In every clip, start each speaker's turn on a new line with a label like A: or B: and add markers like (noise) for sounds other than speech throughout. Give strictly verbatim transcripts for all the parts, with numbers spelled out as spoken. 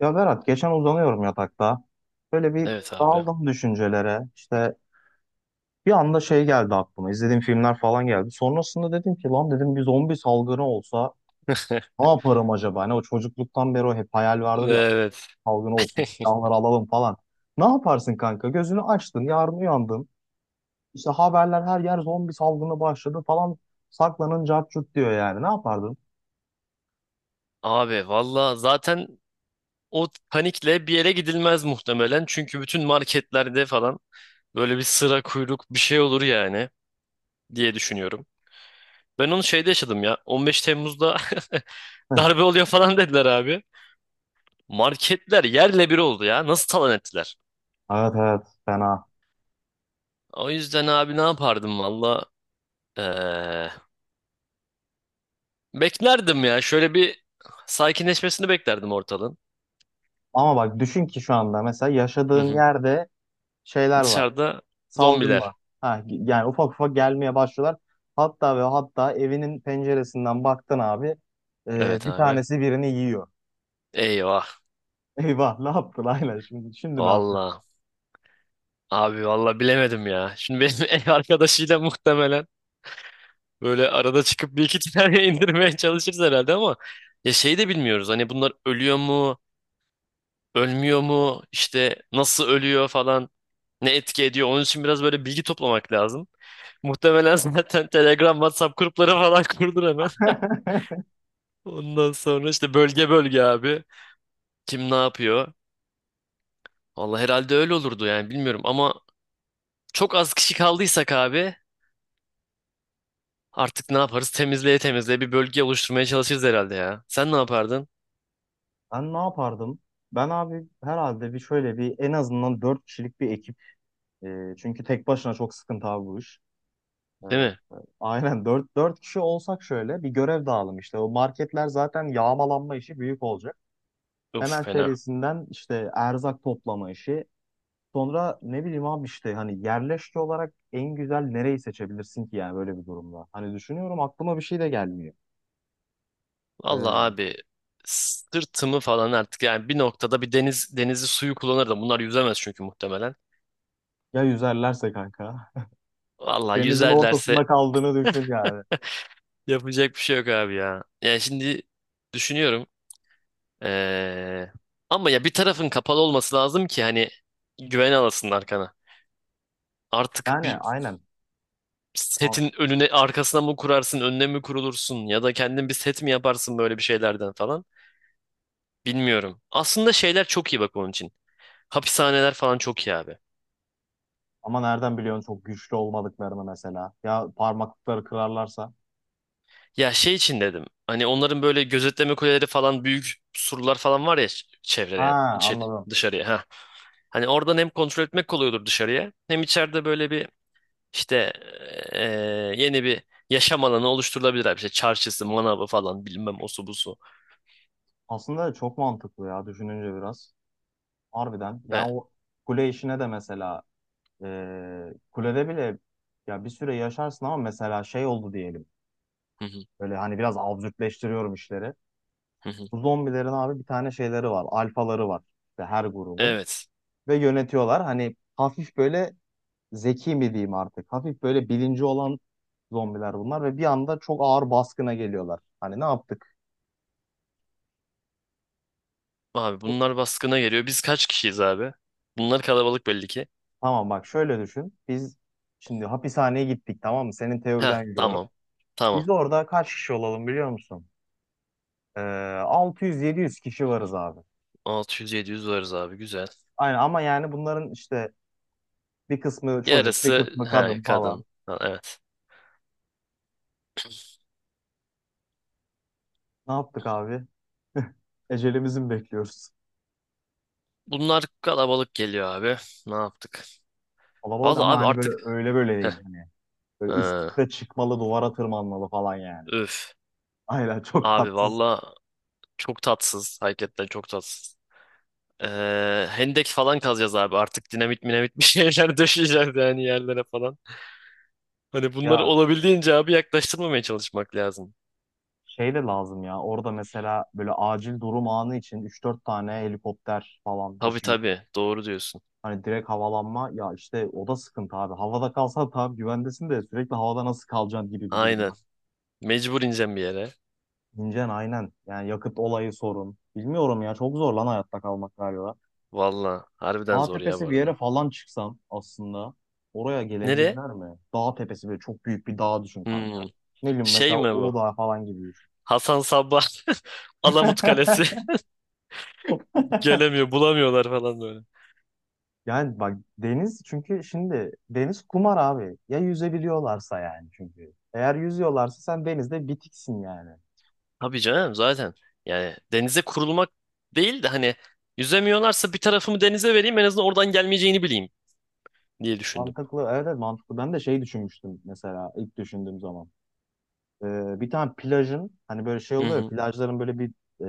A: Ya Berat geçen uzanıyorum yatakta. Böyle bir
B: Evet abi.
A: daldım düşüncelere. İşte bir anda şey geldi aklıma. İzlediğim filmler falan geldi. Sonrasında dedim ki lan dedim bir zombi salgını olsa ne
B: (laughs)
A: yaparım acaba? Hani o çocukluktan beri o hep hayal vardır ya.
B: Evet.
A: Salgın olsun
B: (laughs)
A: silahları alalım falan. Ne yaparsın kanka? Gözünü açtın yarın uyandın. İşte haberler her yer zombi salgını başladı falan. Saklanın cart curt diyor yani. Ne yapardın?
B: Abi valla zaten o panikle bir yere gidilmez muhtemelen. Çünkü bütün marketlerde falan böyle bir sıra kuyruk bir şey olur yani diye düşünüyorum. Ben onu şeyde yaşadım ya. on beş Temmuz'da (laughs)
A: Heh.
B: darbe oluyor falan dediler abi. Marketler yerle bir oldu ya. Nasıl talan ettiler?
A: Evet, evet, fena.
B: O yüzden abi ne yapardım valla? Ee, Beklerdim ya. Şöyle bir sakinleşmesini beklerdim ortalığın.
A: Ama bak düşün ki şu anda mesela
B: Hı
A: yaşadığın
B: hı.
A: yerde şeyler var.
B: Dışarıda
A: Salgın
B: zombiler.
A: var. Ha, yani ufak ufak gelmeye başlıyorlar. Hatta ve hatta evinin penceresinden baktın abi, e,
B: Evet
A: bir
B: abi.
A: tanesi birini yiyor.
B: Eyvah.
A: (laughs) Eyvah ne yaptın? Aynen, şimdi, şimdi ne yapıyorsun?
B: Valla. Abi valla bilemedim ya. Şimdi benim (laughs) ev arkadaşıyla muhtemelen böyle arada çıkıp bir iki tane (laughs) indirmeye çalışırız herhalde ama ya şey de bilmiyoruz. Hani bunlar ölüyor mu? Ölmüyor mu? İşte nasıl ölüyor falan. Ne etki ediyor? Onun için biraz böyle bilgi toplamak lazım. Muhtemelen (laughs) zaten Telegram, WhatsApp grupları falan (laughs) kurdur hemen. Ondan sonra işte bölge bölge abi. Kim ne yapıyor? Valla herhalde öyle olurdu yani bilmiyorum ama çok az kişi kaldıysak abi, artık ne yaparız? Temizleye temizleye bir bölge oluşturmaya çalışırız herhalde ya. Sen ne yapardın?
A: Ben ne yapardım? Ben abi herhalde bir şöyle bir en azından dört kişilik bir ekip. E, çünkü tek başına çok sıkıntı abi bu iş. E,
B: Değil mi?
A: aynen dört, dört kişi olsak şöyle bir görev dağılım işte. O marketler zaten yağmalanma işi büyük olacak.
B: Of
A: Hemen
B: fena.
A: serisinden işte erzak toplama işi. Sonra ne bileyim abi, işte hani yerleşke olarak en güzel nereyi seçebilirsin ki yani böyle bir durumda. Hani düşünüyorum, aklıma bir şey de gelmiyor.
B: Vallahi
A: Ee,
B: abi sırtımı falan artık yani bir noktada bir deniz denizi suyu kullanırdım. Bunlar yüzemez çünkü muhtemelen.
A: ya yüzerlerse kanka. (laughs)
B: Vallahi
A: Denizin
B: yüzerlerse
A: ortasında kaldığını düşün yani.
B: yapacak bir şey yok abi ya. Yani şimdi düşünüyorum. Ee, Ama ya bir tarafın kapalı olması lazım ki hani güven alasın arkana. Artık
A: Yani
B: bir
A: aynen. A-
B: setin önüne arkasına mı kurarsın, önüne mi kurulursun ya da kendin bir set mi yaparsın böyle bir şeylerden falan. Bilmiyorum. Aslında şeyler çok iyi bak onun için. Hapishaneler falan çok iyi abi.
A: Ama nereden biliyorsun çok güçlü olmadıklarını mesela. Ya parmaklıkları kırarlarsa.
B: Ya şey için dedim. Hani onların böyle gözetleme kuleleri falan büyük surlar falan var ya ç-
A: Ha,
B: çevreleyen içeri
A: anladım.
B: dışarıya ha. Hani oradan hem kontrol etmek kolay olur dışarıya hem içeride böyle bir işte eee, yeni bir yaşam alanı oluşturulabilir abi. İşte çarşısı, manavı falan bilmem osu busu.
A: Aslında çok mantıklı ya, düşününce biraz. Harbiden.
B: Ve...
A: Yani o kule işine de mesela ee, kulede bile ya bir süre yaşarsın, ama mesela şey oldu diyelim.
B: Hı hı,
A: Böyle hani biraz absürtleştiriyorum işleri.
B: hı hı.
A: Bu zombilerin abi bir tane şeyleri var. Alfaları var. İşte her grubun.
B: Evet.
A: Ve yönetiyorlar. Hani hafif böyle zeki mi diyeyim artık. Hafif böyle bilinci olan zombiler bunlar. Ve bir anda çok ağır baskına geliyorlar. Hani ne yaptık?
B: Abi bunlar baskına geliyor. Biz kaç kişiyiz abi? Bunlar kalabalık belli ki.
A: Tamam, bak şöyle düşün. Biz şimdi hapishaneye gittik, tamam mı? Senin
B: Ha
A: teoriden yürüyorum.
B: tamam. Tamam.
A: Biz orada kaç kişi olalım biliyor musun? Ee, altı yüz yedi yüz kişi varız abi.
B: altı yüz yedi yüz varız abi güzel.
A: Aynen, ama yani bunların işte bir kısmı çocuk, bir
B: Yarısı
A: kısmı
B: he
A: kadın falan.
B: kadın. Ha, evet.
A: Ne yaptık abi? (laughs) Ecelimizi mi bekliyoruz?
B: Bunlar kalabalık geliyor abi. Ne yaptık?
A: Kalabalık,
B: Valla
A: ama
B: abi
A: hani böyle
B: artık
A: öyle böyle
B: heh,
A: değil hani. Böyle üst
B: ee,
A: üste çıkmalı, duvara tırmanmalı falan yani.
B: üf.
A: Aynen, (laughs) çok
B: Abi
A: tatsız.
B: valla çok tatsız. Hakikaten çok tatsız. Ee, hendek falan kazacağız abi. Artık dinamit minamit bir şeyler (laughs) döşeyeceğiz yani yerlere falan. Hani bunları
A: Ya
B: olabildiğince abi yaklaştırmamaya çalışmak lazım.
A: şey de lazım ya. Orada mesela böyle acil durum anı için üç dört tane helikopter falan bir
B: Tabii
A: şey.
B: tabii doğru diyorsun.
A: Hani direkt havalanma ya, işte o da sıkıntı abi. Havada kalsan tamam güvendesin, de sürekli havada nasıl kalacaksın gibi bir durum
B: Aynen.
A: var.
B: Mecbur ineceğim bir yere.
A: İncen aynen. Yani yakıt olayı sorun. Bilmiyorum ya, çok zor lan hayatta kalmak galiba.
B: Valla harbiden
A: Dağ
B: zor ya bu
A: tepesi bir yere
B: arada.
A: falan çıksam aslında, oraya
B: Nereye?
A: gelebilirler mi? Dağ tepesi, böyle çok büyük bir dağ düşün
B: Hmm.
A: kanka. Ne bileyim,
B: Şey
A: mesela
B: mi bu?
A: Uludağ falan gibi düşün.
B: Hasan Sabbah (laughs) Alamut Kalesi (laughs)
A: (laughs)
B: gelemiyor, bulamıyorlar falan böyle.
A: Yani bak, deniz çünkü, şimdi deniz kumar abi. Ya yüzebiliyorlarsa yani çünkü. Eğer yüzüyorlarsa sen denizde bitiksin yani.
B: Tabii canım zaten. Yani denize kurulmak değil de hani yüzemiyorlarsa bir tarafımı denize vereyim en azından oradan gelmeyeceğini bileyim diye düşündüm.
A: Mantıklı, evet, evet, mantıklı. Ben de şey düşünmüştüm mesela, ilk düşündüğüm zaman. Ee, bir tane plajın hani böyle şey
B: Hı
A: oluyor ya,
B: hı,
A: plajların böyle bir e,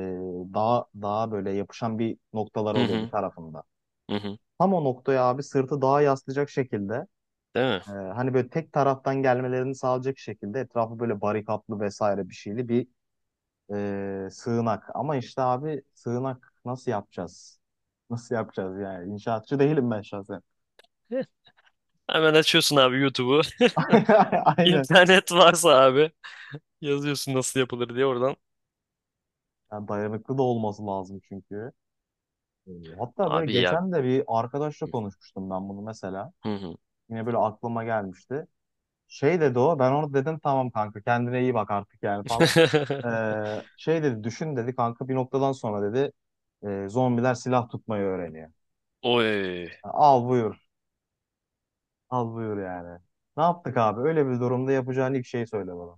A: dağ, dağa böyle yapışan bir noktalar
B: hı
A: oluyor bir
B: hı,
A: tarafında.
B: hı. Hı.
A: Tam o noktaya abi, sırtı dağa yaslayacak şekilde,
B: Değil mi?
A: e, hani böyle tek taraftan gelmelerini sağlayacak şekilde etrafı böyle barikatlı vesaire bir şeyli bir e, sığınak. Ama işte abi, sığınak nasıl yapacağız? Nasıl yapacağız yani? İnşaatçı değilim ben şahsen.
B: Heh. Hemen açıyorsun abi YouTube'u. (laughs)
A: (laughs) Aynen.
B: İnternet varsa abi yazıyorsun nasıl yapılır diye oradan.
A: Yani dayanıklı da olması lazım çünkü. E, Hatta böyle
B: Abi ya.
A: geçen de bir arkadaşla konuşmuştum ben bunu mesela.
B: Hı hı.
A: Yine böyle aklıma gelmişti. Şey dedi o. Ben onu dedim tamam kanka, kendine iyi bak artık yani falan. Ee, şey dedi, düşün dedi kanka, bir noktadan sonra dedi e, zombiler silah tutmayı öğreniyor.
B: (laughs) Oy.
A: Al buyur. Al buyur yani. Ne yaptık abi? Öyle bir durumda yapacağın ilk şeyi söyle bana.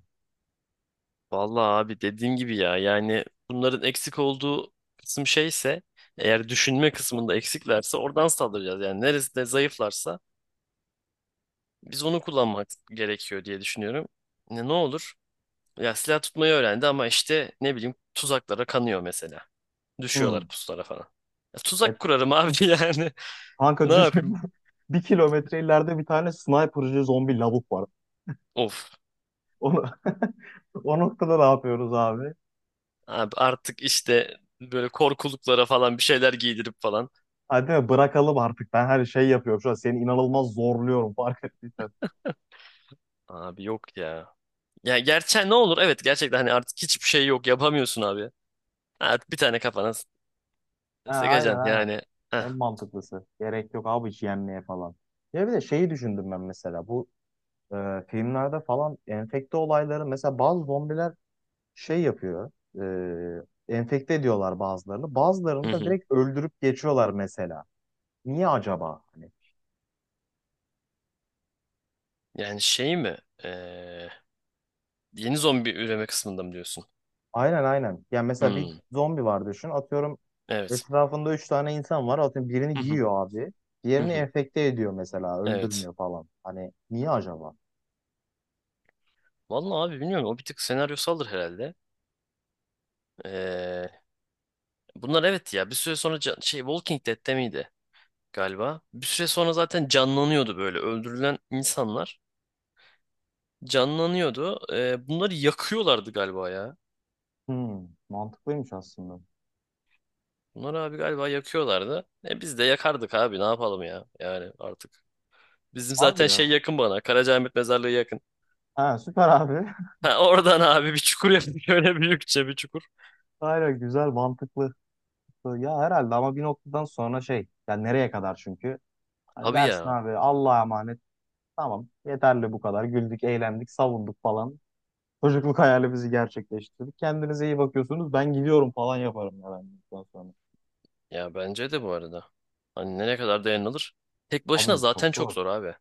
B: Vallahi abi dediğim gibi ya yani bunların eksik olduğu kısım şeyse eğer düşünme kısmında eksiklerse oradan saldıracağız. Yani neresinde zayıflarsa biz onu kullanmak gerekiyor diye düşünüyorum. Ne, ne olur? Ya silah tutmayı öğrendi ama işte ne bileyim tuzaklara kanıyor mesela. Düşüyorlar
A: Hmm.
B: pusulara falan. Ya
A: E,
B: tuzak kurarım abi (laughs) yani. Ne
A: kanka düşün,
B: yapayım?
A: (laughs) bir kilometre ileride bir tane sniper'cı zombi lavuk var.
B: Of.
A: Onu, (laughs) o noktada ne yapıyoruz abi?
B: Abi artık işte böyle korkuluklara falan bir şeyler giydirip falan.
A: Hadi mi bırakalım artık? Ben her şey yapıyorum şu an. Seni inanılmaz zorluyorum fark ettiysen.
B: Abi yok ya. Ya gerçek ne olur? Evet gerçekten hani artık hiçbir şey yok yapamıyorsun abi. Artık bir tane kafana s-
A: Ha, aynen,
B: sıkacaksın
A: aynen.
B: yani.
A: En
B: Heh.
A: mantıklısı. Gerek yok abi hiç yenmeye falan. Ya bir de şeyi düşündüm ben mesela. Bu e, filmlerde falan enfekte olayları, mesela bazı zombiler şey yapıyor. E, enfekte ediyorlar bazılarını. Bazılarını
B: Hı
A: da
B: hı.
A: direkt öldürüp geçiyorlar mesela. Niye acaba? Hani,
B: Yani şey mi? Ee, Yeni zombi üreme kısmında mı diyorsun?
A: aynen, aynen. Ya mesela bir
B: Hmm,
A: zombi var düşün. Atıyorum
B: evet.
A: etrafında üç tane insan var. Atıyorum
B: Hı
A: birini
B: hı.
A: yiyor abi.
B: Hı
A: Diğerini
B: hı.
A: enfekte ediyor mesela.
B: Evet.
A: Öldürmüyor falan. Hani niye acaba?
B: Vallahi abi bilmiyorum o bir tık senaryosaldır herhalde. Ee, Bunlar evet ya bir süre sonra can- şey Walking Dead'te miydi galiba? Bir süre sonra zaten canlanıyordu böyle öldürülen insanlar. Canlanıyordu. Ee, bunları yakıyorlardı galiba ya.
A: Hmm, mantıklıymış aslında.
B: Bunları abi galiba yakıyorlardı. E biz de yakardık abi ne yapalım ya. Yani artık. Bizim
A: Harbi
B: zaten şey
A: ya.
B: yakın bana. Karacaahmet mezarlığı yakın.
A: Ha, süper abi. (laughs)
B: Ha, (laughs) oradan abi bir çukur yaptık. (laughs) Öyle büyükçe bir çukur.
A: Aynen, güzel, mantıklı. Ya herhalde, ama bir noktadan sonra şey, yani nereye kadar çünkü? Hani
B: Abi
A: dersin
B: ya.
A: abi, Allah'a emanet. Tamam, yeterli bu kadar. Güldük, eğlendik, savunduk falan. Çocukluk hayalimizi gerçekleştirdik. Kendinize iyi bakıyorsunuz. Ben gidiyorum falan yaparım ya ben bundan sonra.
B: Ya bence de bu arada. Hani ne kadar dayanılır? Tek başına
A: Abi çok
B: zaten çok
A: zor.
B: zor abi.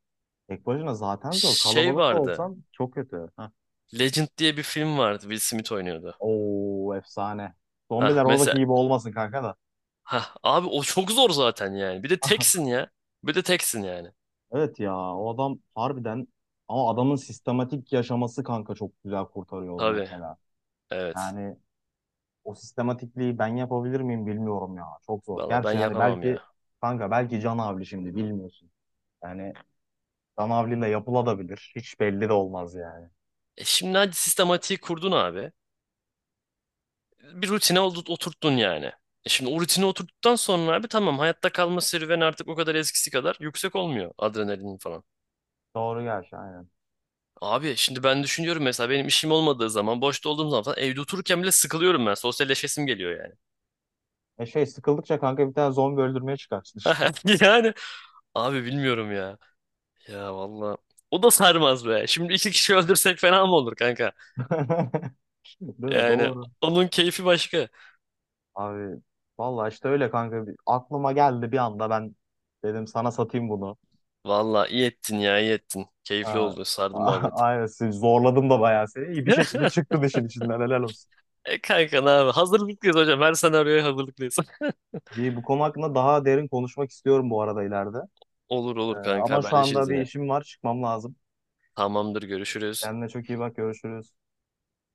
A: Tek başına zaten zor.
B: Şey
A: Kalabalık da
B: vardı.
A: olsan çok kötü. Heh.
B: Legend diye bir film vardı. Will Smith oynuyordu.
A: Oo, efsane.
B: Ha
A: Zombiler oradaki
B: mesela.
A: gibi olmasın kanka da.
B: Ha abi o çok zor zaten yani. Bir de
A: (laughs)
B: teksin ya. Bir de teksin yani.
A: Evet ya, o adam harbiden, ama adamın sistematik yaşaması kanka çok güzel kurtarıyor onu
B: Tabii.
A: mesela.
B: Evet.
A: Yani o sistematikliği ben yapabilir miyim bilmiyorum ya. Çok zor.
B: Valla ben
A: Gerçi yani
B: yapamam
A: belki
B: ya.
A: kanka, belki Can Avli, şimdi bilmiyorsun. Yani Can Avli'yle yapılabilir. Hiç belli de olmaz yani.
B: E şimdi hadi sistematiği kurdun abi. Bir rutine oldu- oturttun yani. E şimdi o rutine oturttuktan sonra abi tamam hayatta kalma serüveni artık o kadar eskisi kadar yüksek olmuyor adrenalin falan.
A: Doğru gerçi, aynen.
B: Abi şimdi ben düşünüyorum mesela benim işim olmadığı zaman boşta olduğum zaman falan evde otururken bile sıkılıyorum ben. Sosyalleşesim geliyor yani.
A: E şey, sıkıldıkça kanka bir tane zombi öldürmeye çıkarsın işte.
B: (laughs) Yani abi bilmiyorum ya. Ya valla. O da sarmaz be. Şimdi iki kişi öldürsek fena mı olur kanka?
A: (laughs) Değil mi?
B: Yani
A: Doğru.
B: onun keyfi başka.
A: Abi vallahi işte öyle kanka. Bir- Aklıma geldi bir anda, ben dedim sana satayım bunu.
B: Valla iyi ettin ya iyi ettin. Keyifli
A: Ha,
B: oldu. Sardı
A: (laughs)
B: muhabbet.
A: aynen, sizi zorladım da bayağı, seni. İyi bir şekilde
B: (laughs)
A: çıktın işin içinden, helal olsun.
B: E kanka ne abi? Hazırlıklıyız hocam. Her senaryoya hazırlıklıyız. (laughs)
A: İyi, bu konu hakkında daha derin konuşmak istiyorum bu arada ileride.
B: Olur
A: Ee,
B: olur kanka
A: ama şu anda
B: haberleşiriz
A: bir
B: yine.
A: işim var, çıkmam lazım.
B: Tamamdır görüşürüz.
A: Kendine çok iyi bak, görüşürüz.